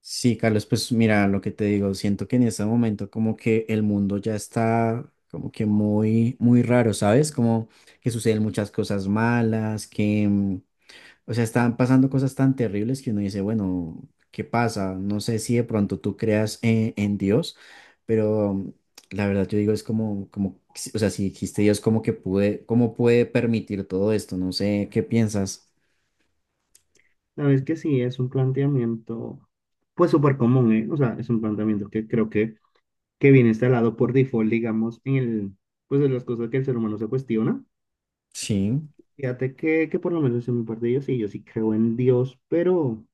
Sí, Carlos, pues mira, lo que te digo, siento que en este momento como que el mundo ya está como que muy, muy raro, ¿sabes? Como que suceden muchas cosas malas, o sea, están pasando cosas tan terribles que uno dice, bueno, ¿qué pasa? No sé si de pronto tú creas en Dios, pero la verdad yo digo es como, como, si- o sea, si existe Dios, ¿cómo puede permitir todo esto? No sé, ¿qué piensas? La verdad es que sí, es un planteamiento, pues súper común, ¿eh? O sea, es un planteamiento que creo que viene instalado por default, digamos, en el, pues en las cosas que el ser humano se cuestiona. Sí, Fíjate que por lo menos en mi parte yo sí creo en Dios, pero,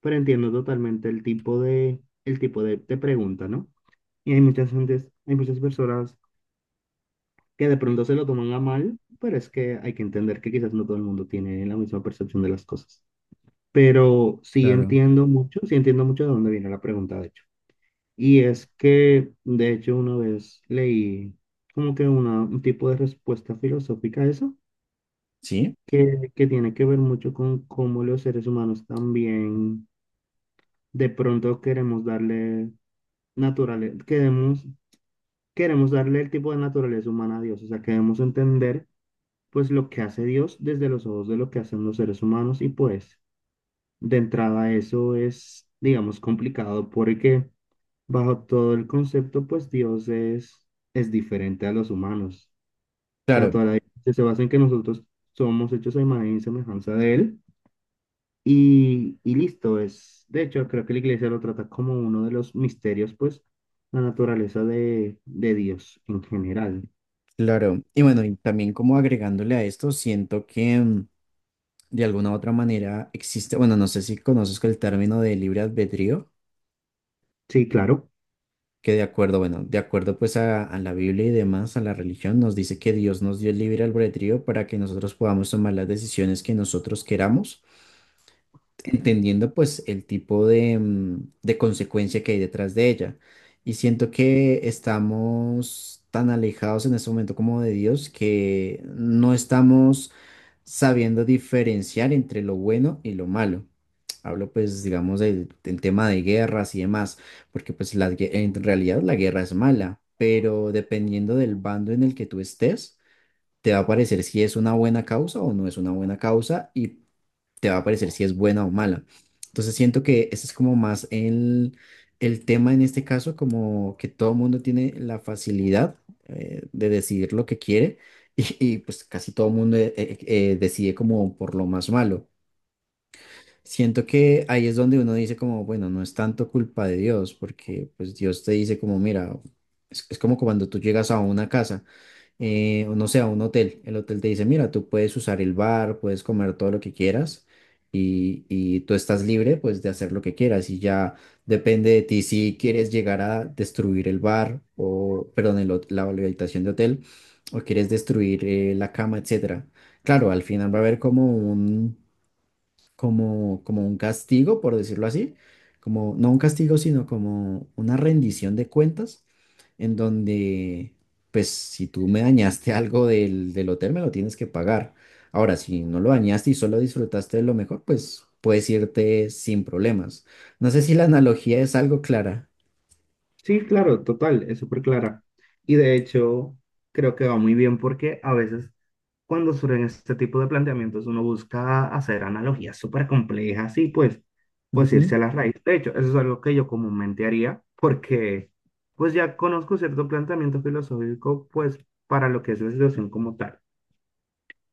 pero entiendo totalmente el tipo de pregunta, ¿no? Y hay muchas gentes, hay muchas personas que de pronto se lo toman a mal, pero es que hay que entender que quizás no todo el mundo tiene la misma percepción de las cosas. Pero claro. Sí entiendo mucho de dónde viene la pregunta, de hecho. Y es que, de hecho, una vez leí como que un tipo de respuesta filosófica a eso, Sí. que tiene que ver mucho con cómo los seres humanos también de pronto queremos darle naturaleza, queremos, queremos darle el tipo de naturaleza humana a Dios, o sea, queremos entender pues lo que hace Dios desde los ojos de lo que hacen los seres humanos y pues de entrada eso es, digamos, complicado porque bajo todo el concepto, pues Dios es diferente a los humanos. O sea, Claro. toda la diferencia se basa en que nosotros somos hechos a imagen y semejanza de Él. Y listo, es. De hecho, creo que la iglesia lo trata como uno de los misterios, pues, la naturaleza de Dios en general. Claro, y bueno, y también como agregándole a esto, siento que de alguna u otra manera existe, bueno, no sé si conoces el término de libre albedrío, Sí, claro. que de acuerdo, bueno, de acuerdo pues a la Biblia y demás, a la religión, nos dice que Dios nos dio el libre albedrío para que nosotros podamos tomar las decisiones que nosotros queramos, entendiendo pues el tipo de consecuencia que hay detrás de ella. Y siento que estamos tan alejados en este momento como de Dios que no estamos sabiendo diferenciar entre lo bueno y lo malo. Hablo pues, digamos, del tema de guerras y demás, porque pues en realidad la guerra es mala, pero dependiendo del bando en el que tú estés, te va a parecer si es una buena causa o no es una buena causa y te va a parecer si es buena o mala. Entonces siento que ese es como más el tema en este caso, como que todo el mundo tiene la facilidad de decidir lo que quiere pues casi todo el mundo decide como por lo más malo. Siento que ahí es donde uno dice como, bueno, no es tanto culpa de Dios, porque pues Dios te dice como, mira, es como cuando tú llegas a una casa o no sé, a un hotel. El hotel te dice, mira, tú puedes usar el bar, puedes comer todo lo que quieras y tú estás libre pues de hacer lo que quieras y ya depende de ti si quieres llegar a destruir el bar o, perdón, la habitación de hotel o quieres destruir la cama, etcétera. Claro, al final va a haber como como un castigo, por decirlo así, como no un castigo, sino como una rendición de cuentas, en donde, pues, si tú me dañaste algo del hotel, me lo tienes que pagar. Ahora, si no lo dañaste y solo disfrutaste de lo mejor, pues puedes irte sin problemas. No sé si la analogía es algo clara. Sí, claro, total, es súper clara. Y de hecho, creo que va muy bien porque a veces cuando surgen este tipo de planteamientos uno busca hacer analogías súper complejas y pues, pues irse Ujú. a la raíz. De hecho, eso es algo que yo comúnmente haría porque pues ya conozco cierto planteamiento filosófico pues para lo que es la situación como tal.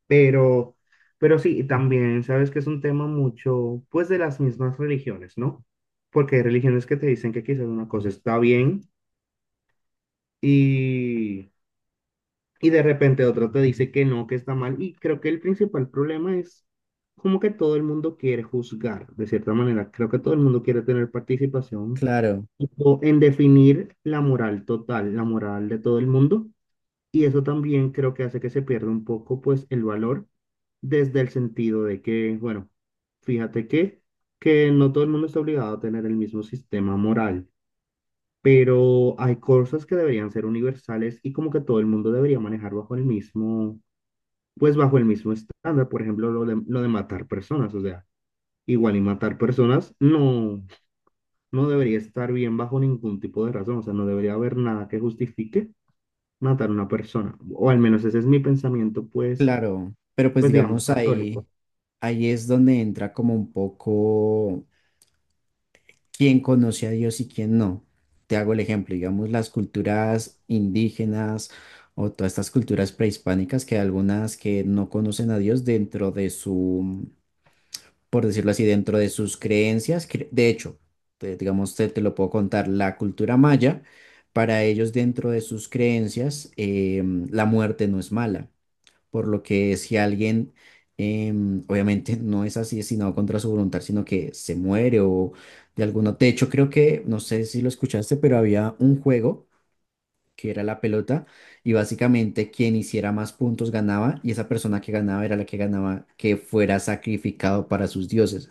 Pero, pero sí, y también sabes que es un tema mucho pues de las mismas religiones, ¿no? Porque hay religiones que te dicen que quizás una cosa está bien y, y de repente otro te dice que no, que está mal. Y creo que el principal problema es como que todo el mundo quiere juzgar, de cierta manera. Creo que todo el mundo quiere tener participación Claro, tipo, en definir la moral total, la moral de todo el mundo. Y eso también creo que hace que se pierda un poco pues el valor desde el sentido de que, bueno, fíjate que no todo el mundo está obligado a tener el mismo sistema moral, pero hay cosas que deberían ser universales y como que todo el mundo debería manejar bajo el mismo, pues bajo el mismo estándar, por ejemplo, lo de matar personas, o sea, igual y matar personas no, no debería estar bien bajo ningún tipo de razón, o sea, no debería haber nada que justifique matar a una persona, o al menos ese es mi pensamiento, pues, claro. Pero pues pues digamos, digamos ahí, católico. ahí es donde entra como un poco quién conoce a Dios y quién no. Te hago el ejemplo, digamos, las culturas indígenas o todas estas culturas prehispánicas que hay algunas que no conocen a Dios dentro de su, por decirlo así, dentro de sus creencias. De hecho, digamos, te lo puedo contar, la cultura maya, para ellos dentro de sus creencias, la muerte no es mala por lo que si alguien obviamente no es asesinado contra su voluntad, sino que se muere o de alguna... De hecho, creo que, no sé si lo escuchaste, pero había un juego que era la pelota y básicamente quien hiciera más puntos ganaba y esa persona que ganaba era la que ganaba que fuera sacrificado para sus dioses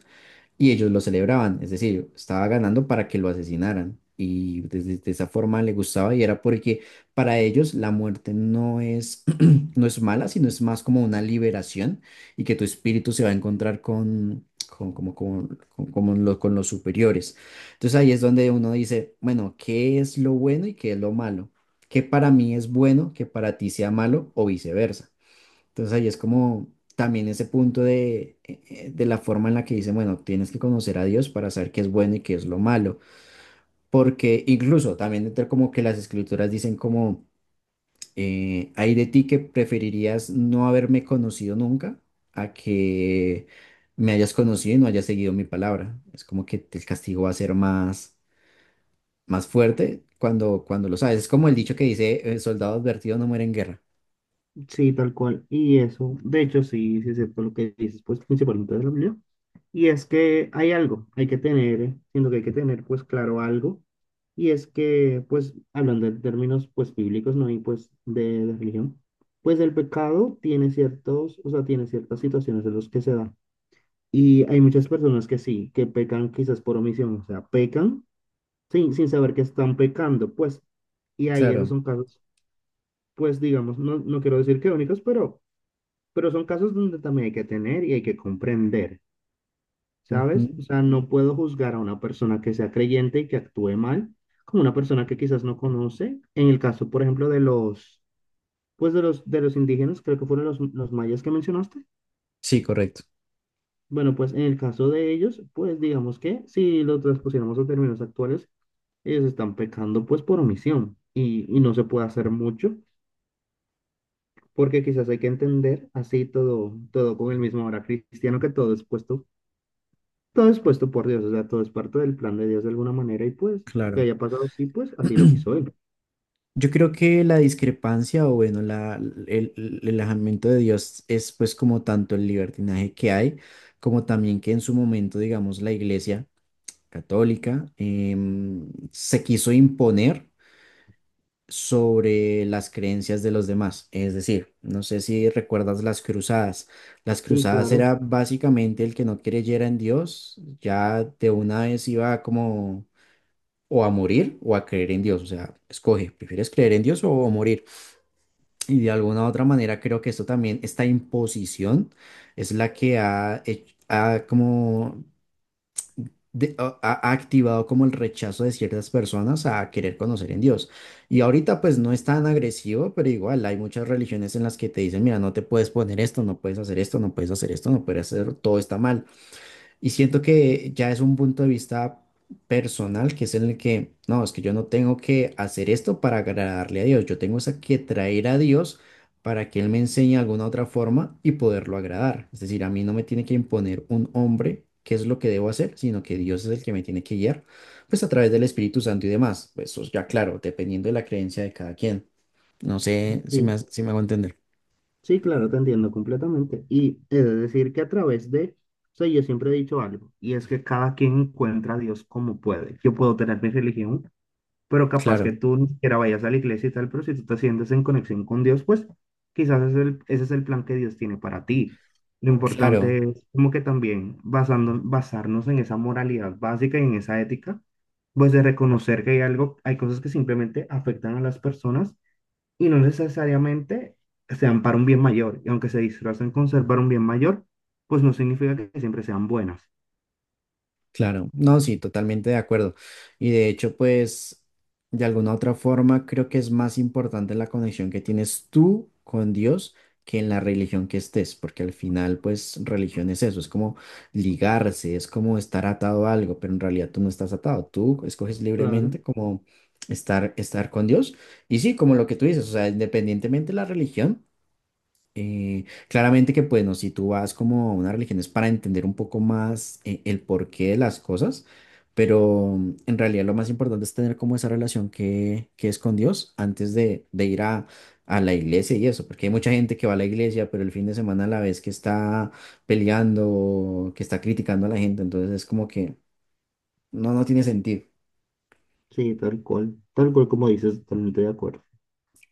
y ellos lo celebraban, es decir, estaba ganando para que lo asesinaran. Y desde de esa forma le gustaba y era porque para ellos la muerte no es, no es mala, sino es más como una liberación y que tu espíritu se va a encontrar con los superiores. Entonces ahí es donde uno dice, bueno, ¿qué es lo bueno y qué es lo malo? ¿Qué para mí es bueno que para ti sea malo o viceversa? Entonces ahí es como también ese punto de la forma en la que dicen, bueno, tienes que conocer a Dios para saber qué es bueno y qué es lo malo. Porque incluso también entre como que las escrituras dicen como, hay de ti que preferirías no haberme conocido nunca a que me hayas conocido y no hayas seguido mi palabra. Es como que el castigo va a ser más fuerte cuando lo sabes. Es como el dicho que dice, soldado advertido no muere en guerra. Sí, tal cual. Y eso, de hecho, sí, sí es cierto lo que dices, pues principalmente de la Biblia. Y es que hay algo, hay que tener, siento que hay que tener, pues claro, algo. Y es que, pues, hablando de términos, pues, bíblicos, ¿no? Y pues de religión, pues el pecado tiene ciertos, o sea, tiene ciertas situaciones en las que se da. Y hay muchas personas que sí, que pecan quizás por omisión, o sea, pecan sin, sin saber que están pecando, pues. Y ahí esos Claro. son casos, pues, digamos, no, no quiero decir que únicos, pero son casos donde también hay que tener y hay que comprender, ¿sabes? Ujú. O sea, no puedo juzgar a una persona que sea creyente y que actúe mal como una persona que quizás no conoce. En el caso, por ejemplo, de los, pues de los indígenas, creo que fueron los mayas que mencionaste. Sí, correcto. Bueno, pues en el caso de ellos, pues digamos que si lo transpusiéramos a términos actuales, ellos están pecando pues por omisión y no se puede hacer mucho porque quizás hay que entender así todo, todo con el mismo ahora cristiano que todo es puesto. Todo es puesto por Dios, o sea, todo es parte del plan de Dios de alguna manera y pues que Claro. haya pasado así, pues así lo quiso él. Yo creo que la discrepancia o bueno, la, el alejamiento de Dios es pues como tanto el libertinaje que hay, como también que en su momento, digamos, la Iglesia católica se quiso imponer sobre las creencias de los demás. Es decir, no sé si recuerdas las cruzadas. Las Sí, cruzadas claro. era básicamente el que no creyera en Dios, ya de una vez iba como o a morir o a creer en Dios. O sea, escoge, ¿prefieres creer en Dios o morir? Y de alguna u otra manera creo que esto también, esta imposición es la que ha activado como el rechazo de ciertas personas a querer conocer en Dios. Y ahorita pues no es tan agresivo, pero igual hay muchas religiones en las que te dicen, mira, no te puedes poner esto, no puedes hacer esto, no puedes hacer esto, no puedes hacer, todo está mal. Y siento que ya es un punto de vista personal, que es en el que, no, es que yo no tengo que hacer esto para agradarle a Dios, yo tengo es a que traer a Dios para que Él me enseñe alguna otra forma y poderlo agradar. Es decir, a mí no me tiene que imponer un hombre qué es lo que debo hacer, sino que Dios es el que me tiene que guiar, pues a través del Espíritu Santo y demás. Pues eso ya claro, dependiendo de la creencia de cada quien. No sé Y si me hago entender. sí, claro, te entiendo completamente. Y es decir que a través de, o sea, yo siempre he dicho algo, y es que cada quien encuentra a Dios como puede. Yo puedo tener mi religión, pero capaz Claro, que tú ni siquiera vayas a la iglesia y tal, pero si tú te sientes en conexión con Dios, pues quizás ese es el plan que Dios tiene para ti. Lo claro. importante es como que también basando, basarnos en esa moralidad básica y en esa ética, pues de reconocer que hay algo, hay cosas que simplemente afectan a las personas y no necesariamente sean para un bien mayor. Y aunque se disfracen con ser para un bien mayor, pues no significa que siempre sean buenas. Claro, no, sí, totalmente de acuerdo. Y de hecho, pues, de alguna otra forma, creo que es más importante la conexión que tienes tú con Dios que en la religión que estés, porque al final, pues, religión es eso, es como ligarse, es como estar atado a algo, pero en realidad tú no estás atado, tú escoges Claro, libremente como estar con Dios. Y sí, como lo que tú dices, o sea, independientemente de la religión. Claramente que, bueno, si tú vas como a una religión es para entender un poco más el porqué de las cosas, pero en realidad lo más importante es tener como esa relación que es con Dios antes de ir a la iglesia y eso, porque hay mucha gente que va a la iglesia, pero el fin de semana a la vez que está peleando, que está criticando a la gente, entonces es como que no, no tiene sentido. sí, tal cual como dices, totalmente de acuerdo.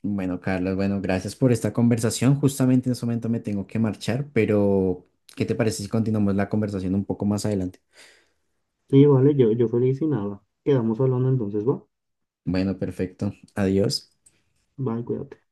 Bueno, Carlos, bueno, gracias por esta conversación. Justamente en este momento me tengo que marchar, pero ¿qué te parece si continuamos la conversación un poco más adelante? Sí, vale, yo feliz y nada. Quedamos hablando entonces, va. Bueno, perfecto. Adiós. Bye, cuídate.